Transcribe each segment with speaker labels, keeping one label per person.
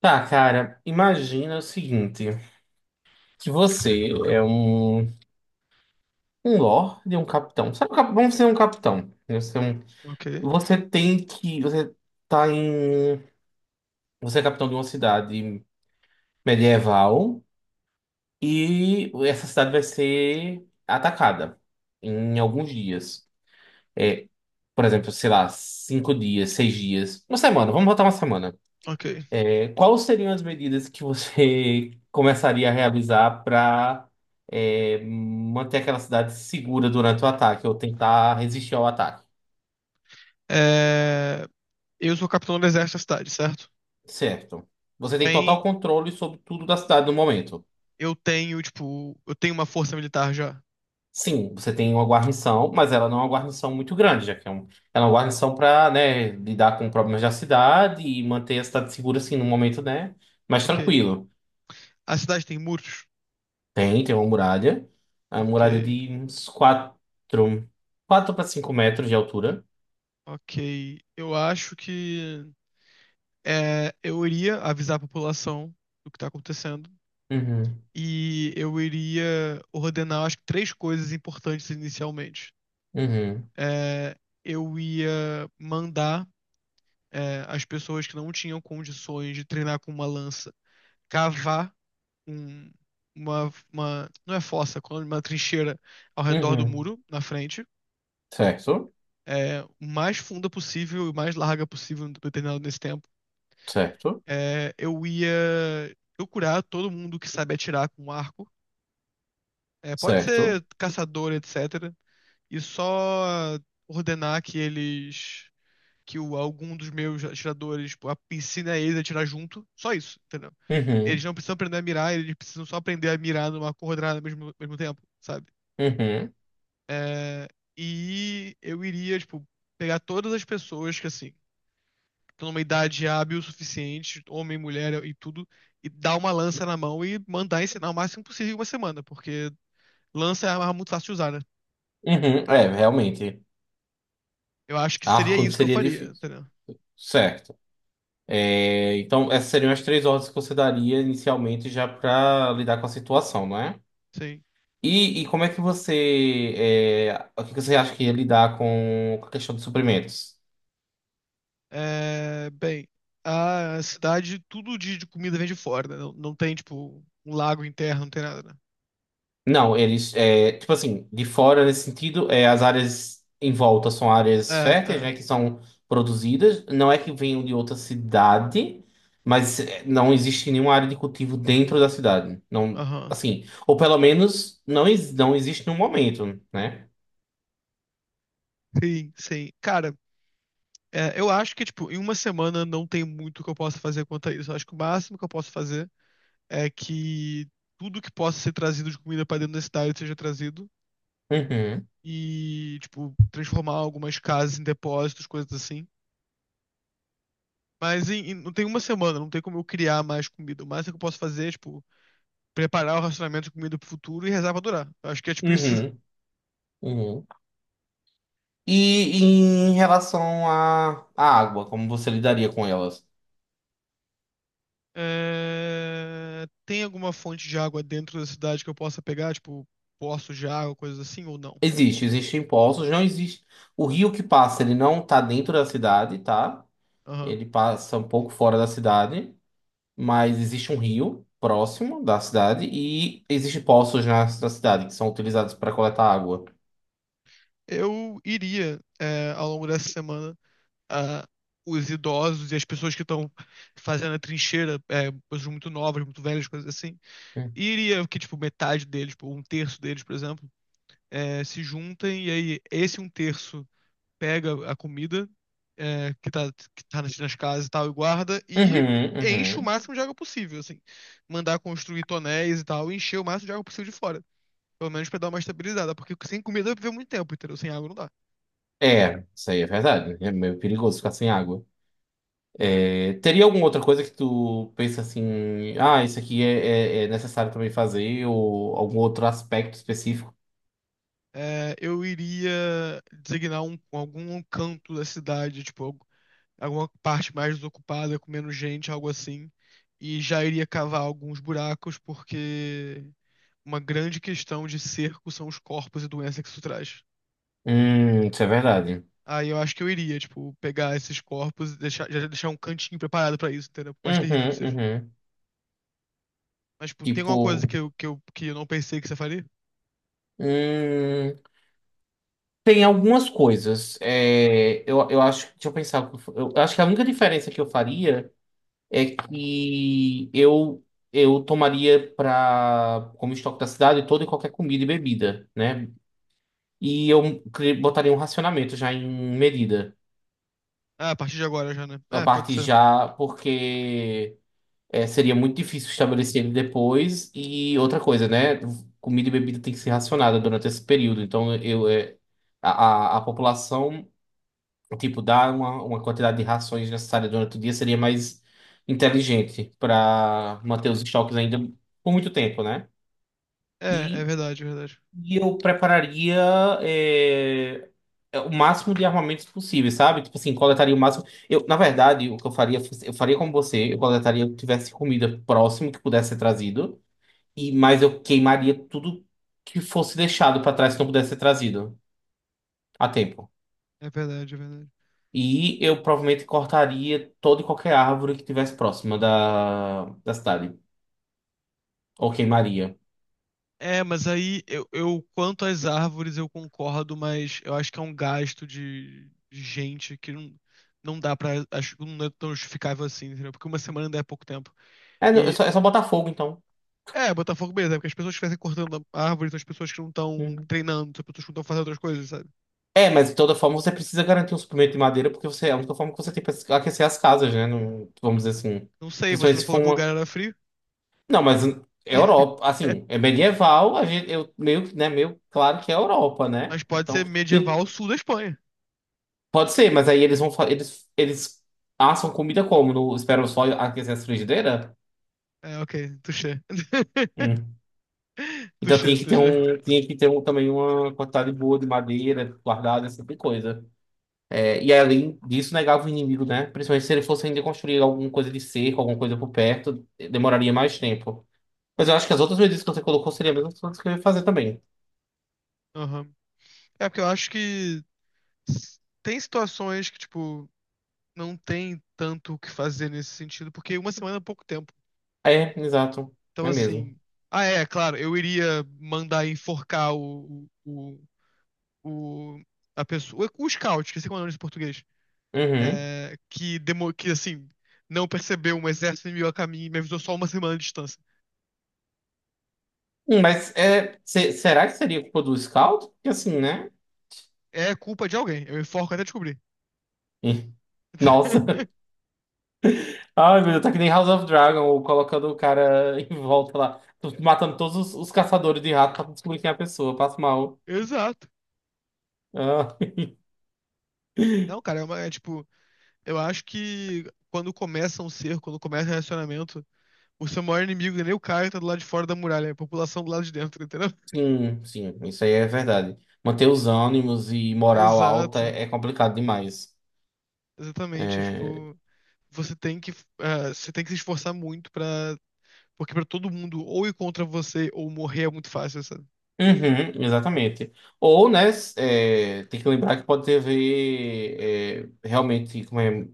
Speaker 1: Tá, cara, imagina o seguinte, que você é um lorde, um capitão. Sabe, vamos ser um capitão, né? Você, é um-
Speaker 2: Ok,
Speaker 1: você tem que, você tá em, você é capitão de uma cidade medieval e essa cidade vai ser atacada em alguns dias. É, por exemplo, sei lá, cinco dias, seis dias, uma semana, vamos botar uma semana.
Speaker 2: ok.
Speaker 1: Quais seriam as medidas que você começaria a realizar para manter aquela cidade segura durante o ataque ou tentar resistir ao ataque?
Speaker 2: É, Eu sou capitão do exército da cidade, certo?
Speaker 1: Certo. Você tem
Speaker 2: Tem...
Speaker 1: total controle sobre tudo da cidade no momento.
Speaker 2: Eu tenho, tipo, eu tenho uma força militar já.
Speaker 1: Sim, você tem uma guarnição, mas ela não é uma guarnição muito grande, já que ela é uma guarnição para lidar com problemas da cidade e manter a cidade segura, assim, no momento, né, mais
Speaker 2: Ok.
Speaker 1: tranquilo.
Speaker 2: A cidade tem muros?
Speaker 1: Tem, tem uma muralha. A
Speaker 2: Ok,
Speaker 1: muralha de uns 4, quatro para 5 metros de altura.
Speaker 2: ok. Eu acho que eu iria avisar a população do que tá acontecendo.
Speaker 1: Uhum,
Speaker 2: E eu iria ordenar, acho que, três coisas importantes inicialmente.
Speaker 1: uhum,
Speaker 2: É, eu ia mandar as pessoas que não tinham condições de treinar com uma lança cavar um- não é fossa, quando uma trincheira ao redor do
Speaker 1: uhum.
Speaker 2: muro, na frente,
Speaker 1: Certo,
Speaker 2: o mais funda possível e o mais larga possível no determinado nesse tempo.
Speaker 1: certo,
Speaker 2: Eu ia procurar todo mundo que sabe atirar com um arco, pode
Speaker 1: certo.
Speaker 2: ser caçador, etc., e só ordenar que eles, que o, algum dos meus atiradores, tipo, a piscina é eles atirar junto, só isso, entendeu? Eles
Speaker 1: Uhum,
Speaker 2: não precisam aprender a mirar, eles precisam só aprender a mirar numa coordenada ao mesmo tempo, sabe?
Speaker 1: uhum,
Speaker 2: É, e eu iria, tipo, pegar todas as pessoas que, assim, estão numa idade hábil o suficiente, homem, mulher e tudo, e dar uma lança na mão e mandar ensinar o máximo possível em uma semana, porque lança é uma arma muito fácil de usar, né?
Speaker 1: uhum. É, realmente.
Speaker 2: Eu acho que seria
Speaker 1: Arco
Speaker 2: isso que eu
Speaker 1: seria
Speaker 2: faria,
Speaker 1: difícil.
Speaker 2: entendeu?
Speaker 1: Certo. Então, essas seriam as três ordens que você daria inicialmente já para lidar com a situação, não é?
Speaker 2: Sim.
Speaker 1: E como é que você. É, o que que você acha que ia lidar com a questão de suprimentos?
Speaker 2: Bem, a cidade, tudo de comida vem de fora, né? Não, não tem, tipo, um lago interno, não tem nada, né?
Speaker 1: Não, eles, tipo assim, de fora nesse sentido, é, as áreas em volta são áreas
Speaker 2: É,
Speaker 1: férteis,
Speaker 2: é.
Speaker 1: né, que são produzidas. Não é que venham de outra cidade, não existe nenhuma área de cultivo dentro da cidade. Não,
Speaker 2: Aham.
Speaker 1: assim, ou pelo menos não existe no momento, né?
Speaker 2: Sim, sim. Cara, eu acho que, tipo, em uma semana não tem muito que eu possa fazer quanto a isso. Eu acho que o máximo que eu posso fazer é que tudo que possa ser trazido de comida pra dentro da cidade seja trazido.
Speaker 1: Uhum,
Speaker 2: E, tipo, transformar algumas casas em depósitos, coisas assim. Mas não tem uma semana, não tem como eu criar mais comida. O máximo que eu posso fazer é, tipo, preparar o racionamento de comida pro futuro e rezar pra durar. Eu acho que é tipo isso.
Speaker 1: uhum, uhum. E, em relação à água, como você lidaria com elas?
Speaker 2: Tem alguma fonte de água dentro da cidade que eu possa pegar, tipo, poços de água, coisas assim, ou não?
Speaker 1: Existe, existem poços, não existe. O rio que passa, ele não tá dentro da cidade, tá?
Speaker 2: Aham.
Speaker 1: Ele passa um pouco fora da cidade, mas existe um rio próximo da cidade e existem poços na cidade que são utilizados para coletar água.
Speaker 2: Eu iria, ao longo dessa semana, a os idosos e as pessoas que estão fazendo a trincheira, pessoas muito novas, muito velhas, coisas assim,
Speaker 1: Hum.
Speaker 2: e iria que, tipo, metade deles, tipo, um terço deles, por exemplo, se juntem, e aí esse um terço pega a comida que tá nas casas e tal e guarda e
Speaker 1: Uhum,
Speaker 2: enche o
Speaker 1: uhum.
Speaker 2: máximo de água possível, assim. Mandar construir tonéis e tal, e encher o máximo de água possível de fora. Pelo menos pra dar uma estabilizada, porque sem comida vai viver muito tempo, entendeu? Sem água não dá.
Speaker 1: É, isso aí é verdade. É meio perigoso ficar sem água. É, teria alguma outra coisa que tu pensa assim, ah, isso aqui é necessário também fazer, ou algum outro aspecto específico?
Speaker 2: Eu iria designar algum canto da cidade, tipo, alguma parte mais desocupada, com menos gente, algo assim. E já iria cavar alguns buracos, porque uma grande questão de cerco são os corpos e doença que isso traz.
Speaker 1: Isso é verdade.
Speaker 2: Aí eu acho que eu iria, tipo, pegar esses corpos e deixar, já deixar um cantinho preparado pra isso, entendeu? Por mais terrível que
Speaker 1: Uhum,
Speaker 2: seja.
Speaker 1: uhum.
Speaker 2: Mas, tipo, tem alguma coisa
Speaker 1: Tipo,
Speaker 2: que eu não pensei que você faria?
Speaker 1: hum, tem algumas coisas. Eu acho. Deixa eu pensar. Eu acho que a única diferença que eu faria é que eu tomaria pra, como estoque da cidade, toda e qualquer comida e bebida, né? Botaria um racionamento já em medida.
Speaker 2: Ah, a partir de agora já, né?
Speaker 1: A
Speaker 2: É, pode
Speaker 1: parte
Speaker 2: ser.
Speaker 1: já, porque é, seria muito difícil estabelecer ele depois. E outra coisa, né? Comida e bebida tem que ser racionada durante esse período. Então eu, é, a população, tipo, dar uma quantidade de rações necessária durante o dia seria mais inteligente para manter os estoques ainda por muito tempo, né?
Speaker 2: É, é
Speaker 1: E,
Speaker 2: verdade, é verdade.
Speaker 1: e eu prepararia é, o máximo de armamentos possível, sabe? Tipo assim, coletaria o máximo. Eu, na verdade, o que eu faria, fosse- eu faria como você, eu coletaria o que tivesse comida próximo que pudesse ser trazido, mas eu queimaria tudo que fosse deixado para trás que não pudesse ser trazido a tempo.
Speaker 2: É verdade, é verdade.
Speaker 1: E eu provavelmente cortaria toda e qualquer árvore que tivesse próxima da cidade. Ou queimaria.
Speaker 2: Mas aí eu quanto às árvores eu concordo, mas eu acho que é um gasto de gente que não, não dá pra. Acho que não é tão justificável assim, entendeu? Porque uma semana ainda é pouco tempo.
Speaker 1: É, não,
Speaker 2: E
Speaker 1: é só botar fogo, então.
Speaker 2: Botafogo beleza, é porque as pessoas que estivessem cortando a árvore são as pessoas que não estão
Speaker 1: Uhum.
Speaker 2: treinando, são as pessoas que não estão fazendo outras coisas, sabe?
Speaker 1: É, mas de toda forma você precisa garantir um suprimento de madeira, porque você, é a única forma que você tem para aquecer as casas, né? Vamos dizer assim.
Speaker 2: Não sei, você
Speaker 1: Principalmente
Speaker 2: não
Speaker 1: se for
Speaker 2: falou que o lugar
Speaker 1: uma.
Speaker 2: era frio.
Speaker 1: Não, mas é Europa. Assim, é medieval, a gente, eu, meio, né, meio claro que é Europa,
Speaker 2: Mas
Speaker 1: né?
Speaker 2: pode ser
Speaker 1: De-
Speaker 2: medieval sul da Espanha.
Speaker 1: Pode ser, mas aí eles vão. Eles assam comida como? No, esperam só aquecer as frigideiras?
Speaker 2: Ok, touché.
Speaker 1: Então
Speaker 2: Touché,
Speaker 1: tinha que ter
Speaker 2: touché.
Speaker 1: um, também uma quantidade boa de madeira guardada, esse tipo de coisa. É, e além disso, negava o inimigo, né? Principalmente se ele fosse ainda construir alguma coisa de cerco, alguma coisa por perto, demoraria mais tempo. Mas eu acho que as outras medidas que você colocou seriam as mesmas coisas que eu ia fazer também.
Speaker 2: Aham. É porque eu acho que tem situações que, tipo, não tem tanto o que fazer nesse sentido, porque uma semana é pouco tempo.
Speaker 1: É, exato.
Speaker 2: Então,
Speaker 1: É mesmo.
Speaker 2: assim. Ah, é, claro, eu iria mandar enforcar o, a pessoa. O scout, que sei como é o nome em português.
Speaker 1: Uhum.
Speaker 2: Assim, não percebeu um exército inimigo a caminho e me avisou só uma semana de distância.
Speaker 1: Mas é, será que seria culpa do Scout? Porque assim, né?
Speaker 2: É culpa de alguém. Eu enforco até descobrir.
Speaker 1: Ih, nossa. Ai, meu Deus, tá que nem House of Dragon, ou colocando o cara em volta lá, matando todos os caçadores de rato pra descobrir quem é a pessoa. Passa mal.
Speaker 2: Exato.
Speaker 1: Ah,
Speaker 2: Não, cara, é tipo, eu acho que quando começa um cerco, quando começa um relacionamento, o seu maior inimigo, é nem o Caio, tá do lado de fora da muralha. É a população do lado de dentro, entendeu?
Speaker 1: sim, sim, isso aí é verdade. Manter os ânimos e moral alta
Speaker 2: Exato.
Speaker 1: é complicado demais.
Speaker 2: Exatamente.
Speaker 1: É,
Speaker 2: Tipo, você tem que, você tem que se esforçar muito pra. Porque pra todo mundo ou ir contra você ou morrer é muito fácil, sabe?
Speaker 1: uhum, exatamente. Ou, né, tem que lembrar que pode ter a ver realmente como é.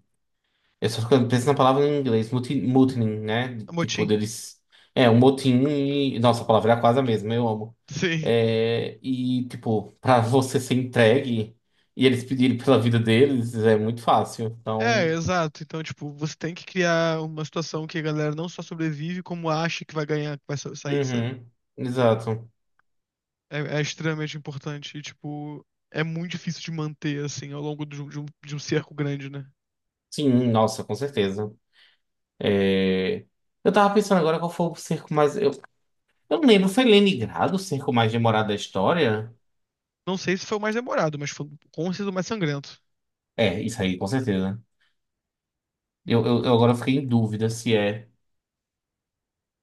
Speaker 1: Eu só fico penso na palavra em inglês, mutiny, né? Tipo,
Speaker 2: Motim.
Speaker 1: deles. É, um motim e. Nossa, a palavra é quase a mesma, eu amo.
Speaker 2: Sim.
Speaker 1: É, e, tipo, pra você ser entregue e eles pedirem pela vida deles, é muito fácil.
Speaker 2: É,
Speaker 1: Então.
Speaker 2: exato. Então, tipo, você tem que criar uma situação que a galera não só sobrevive, como acha que vai ganhar, que vai sair, sabe?
Speaker 1: Uhum, exato.
Speaker 2: É, é extremamente importante. E, tipo, é muito difícil de manter, assim, ao longo de um cerco grande, né?
Speaker 1: Sim, nossa, com certeza. É, eu tava pensando agora qual foi o cerco mais. Eu não lembro, foi Leningrado o cerco mais demorado da história?
Speaker 2: Não sei se foi o mais demorado, mas foi com certeza o mais sangrento.
Speaker 1: É, isso aí, com certeza. Eu agora fiquei em dúvida se é.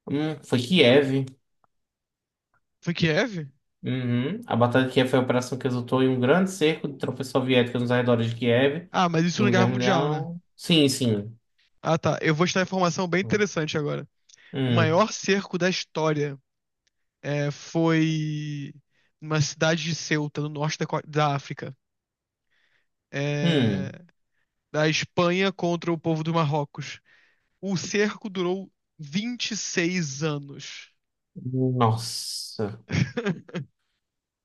Speaker 1: Foi Kiev.
Speaker 2: Foi Kiev?
Speaker 1: Uhum. A Batalha de Kiev foi a operação que resultou em um grande cerco de tropas soviéticas nos arredores de Kiev.
Speaker 2: Ah, mas isso na
Speaker 1: Segunda
Speaker 2: Guerra
Speaker 1: Guerra
Speaker 2: Mundial, né?
Speaker 1: Mundial. Sim, sim.
Speaker 2: Ah, tá. Eu vou te dar informação bem interessante agora. O
Speaker 1: Hum.
Speaker 2: maior cerco da história foi uma cidade de Ceuta, no norte da África. É,
Speaker 1: Hum.
Speaker 2: da Espanha contra o povo do Marrocos. O cerco durou 26 anos.
Speaker 1: Nossa.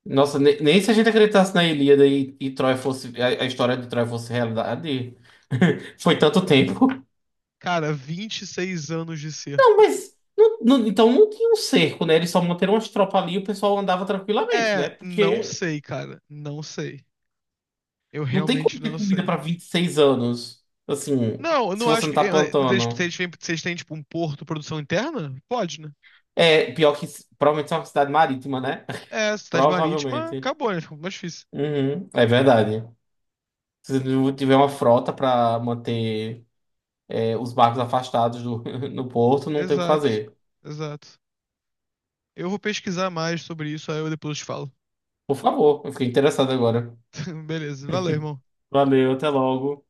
Speaker 1: Nossa, nem se a gente acreditasse na Ilíada e Troia fosse, a história de Troia fosse realidade. Foi tanto tempo.
Speaker 2: Cara, 26 anos de
Speaker 1: Não,
Speaker 2: cerco.
Speaker 1: mas. Então não tinha um cerco, né? Eles só manteram as tropas ali e o pessoal andava tranquilamente, né?
Speaker 2: Não
Speaker 1: Porque
Speaker 2: sei, cara. Não sei. Eu
Speaker 1: não tem como
Speaker 2: realmente
Speaker 1: ter
Speaker 2: não
Speaker 1: comida
Speaker 2: sei.
Speaker 1: para 26 anos. Assim,
Speaker 2: Não, eu
Speaker 1: se
Speaker 2: não
Speaker 1: você
Speaker 2: acho
Speaker 1: não
Speaker 2: que.
Speaker 1: tá
Speaker 2: Eh, Eles, se
Speaker 1: plantando.
Speaker 2: eles, têm- se eles têm, tipo, um porto produção interna? Pode, né?
Speaker 1: É, pior que provavelmente é uma cidade marítima, né?
Speaker 2: Cidade marítima,
Speaker 1: Provavelmente.
Speaker 2: acabou, né? Ficou mais difícil.
Speaker 1: Uhum, é verdade. Se não tiver uma frota para manter os barcos afastados do, no porto, não tem o que
Speaker 2: Exato,
Speaker 1: fazer.
Speaker 2: exato. Eu vou pesquisar mais sobre isso, aí eu depois te falo.
Speaker 1: Por favor, eu fiquei interessado agora.
Speaker 2: Beleza, valeu, irmão.
Speaker 1: Valeu, até logo.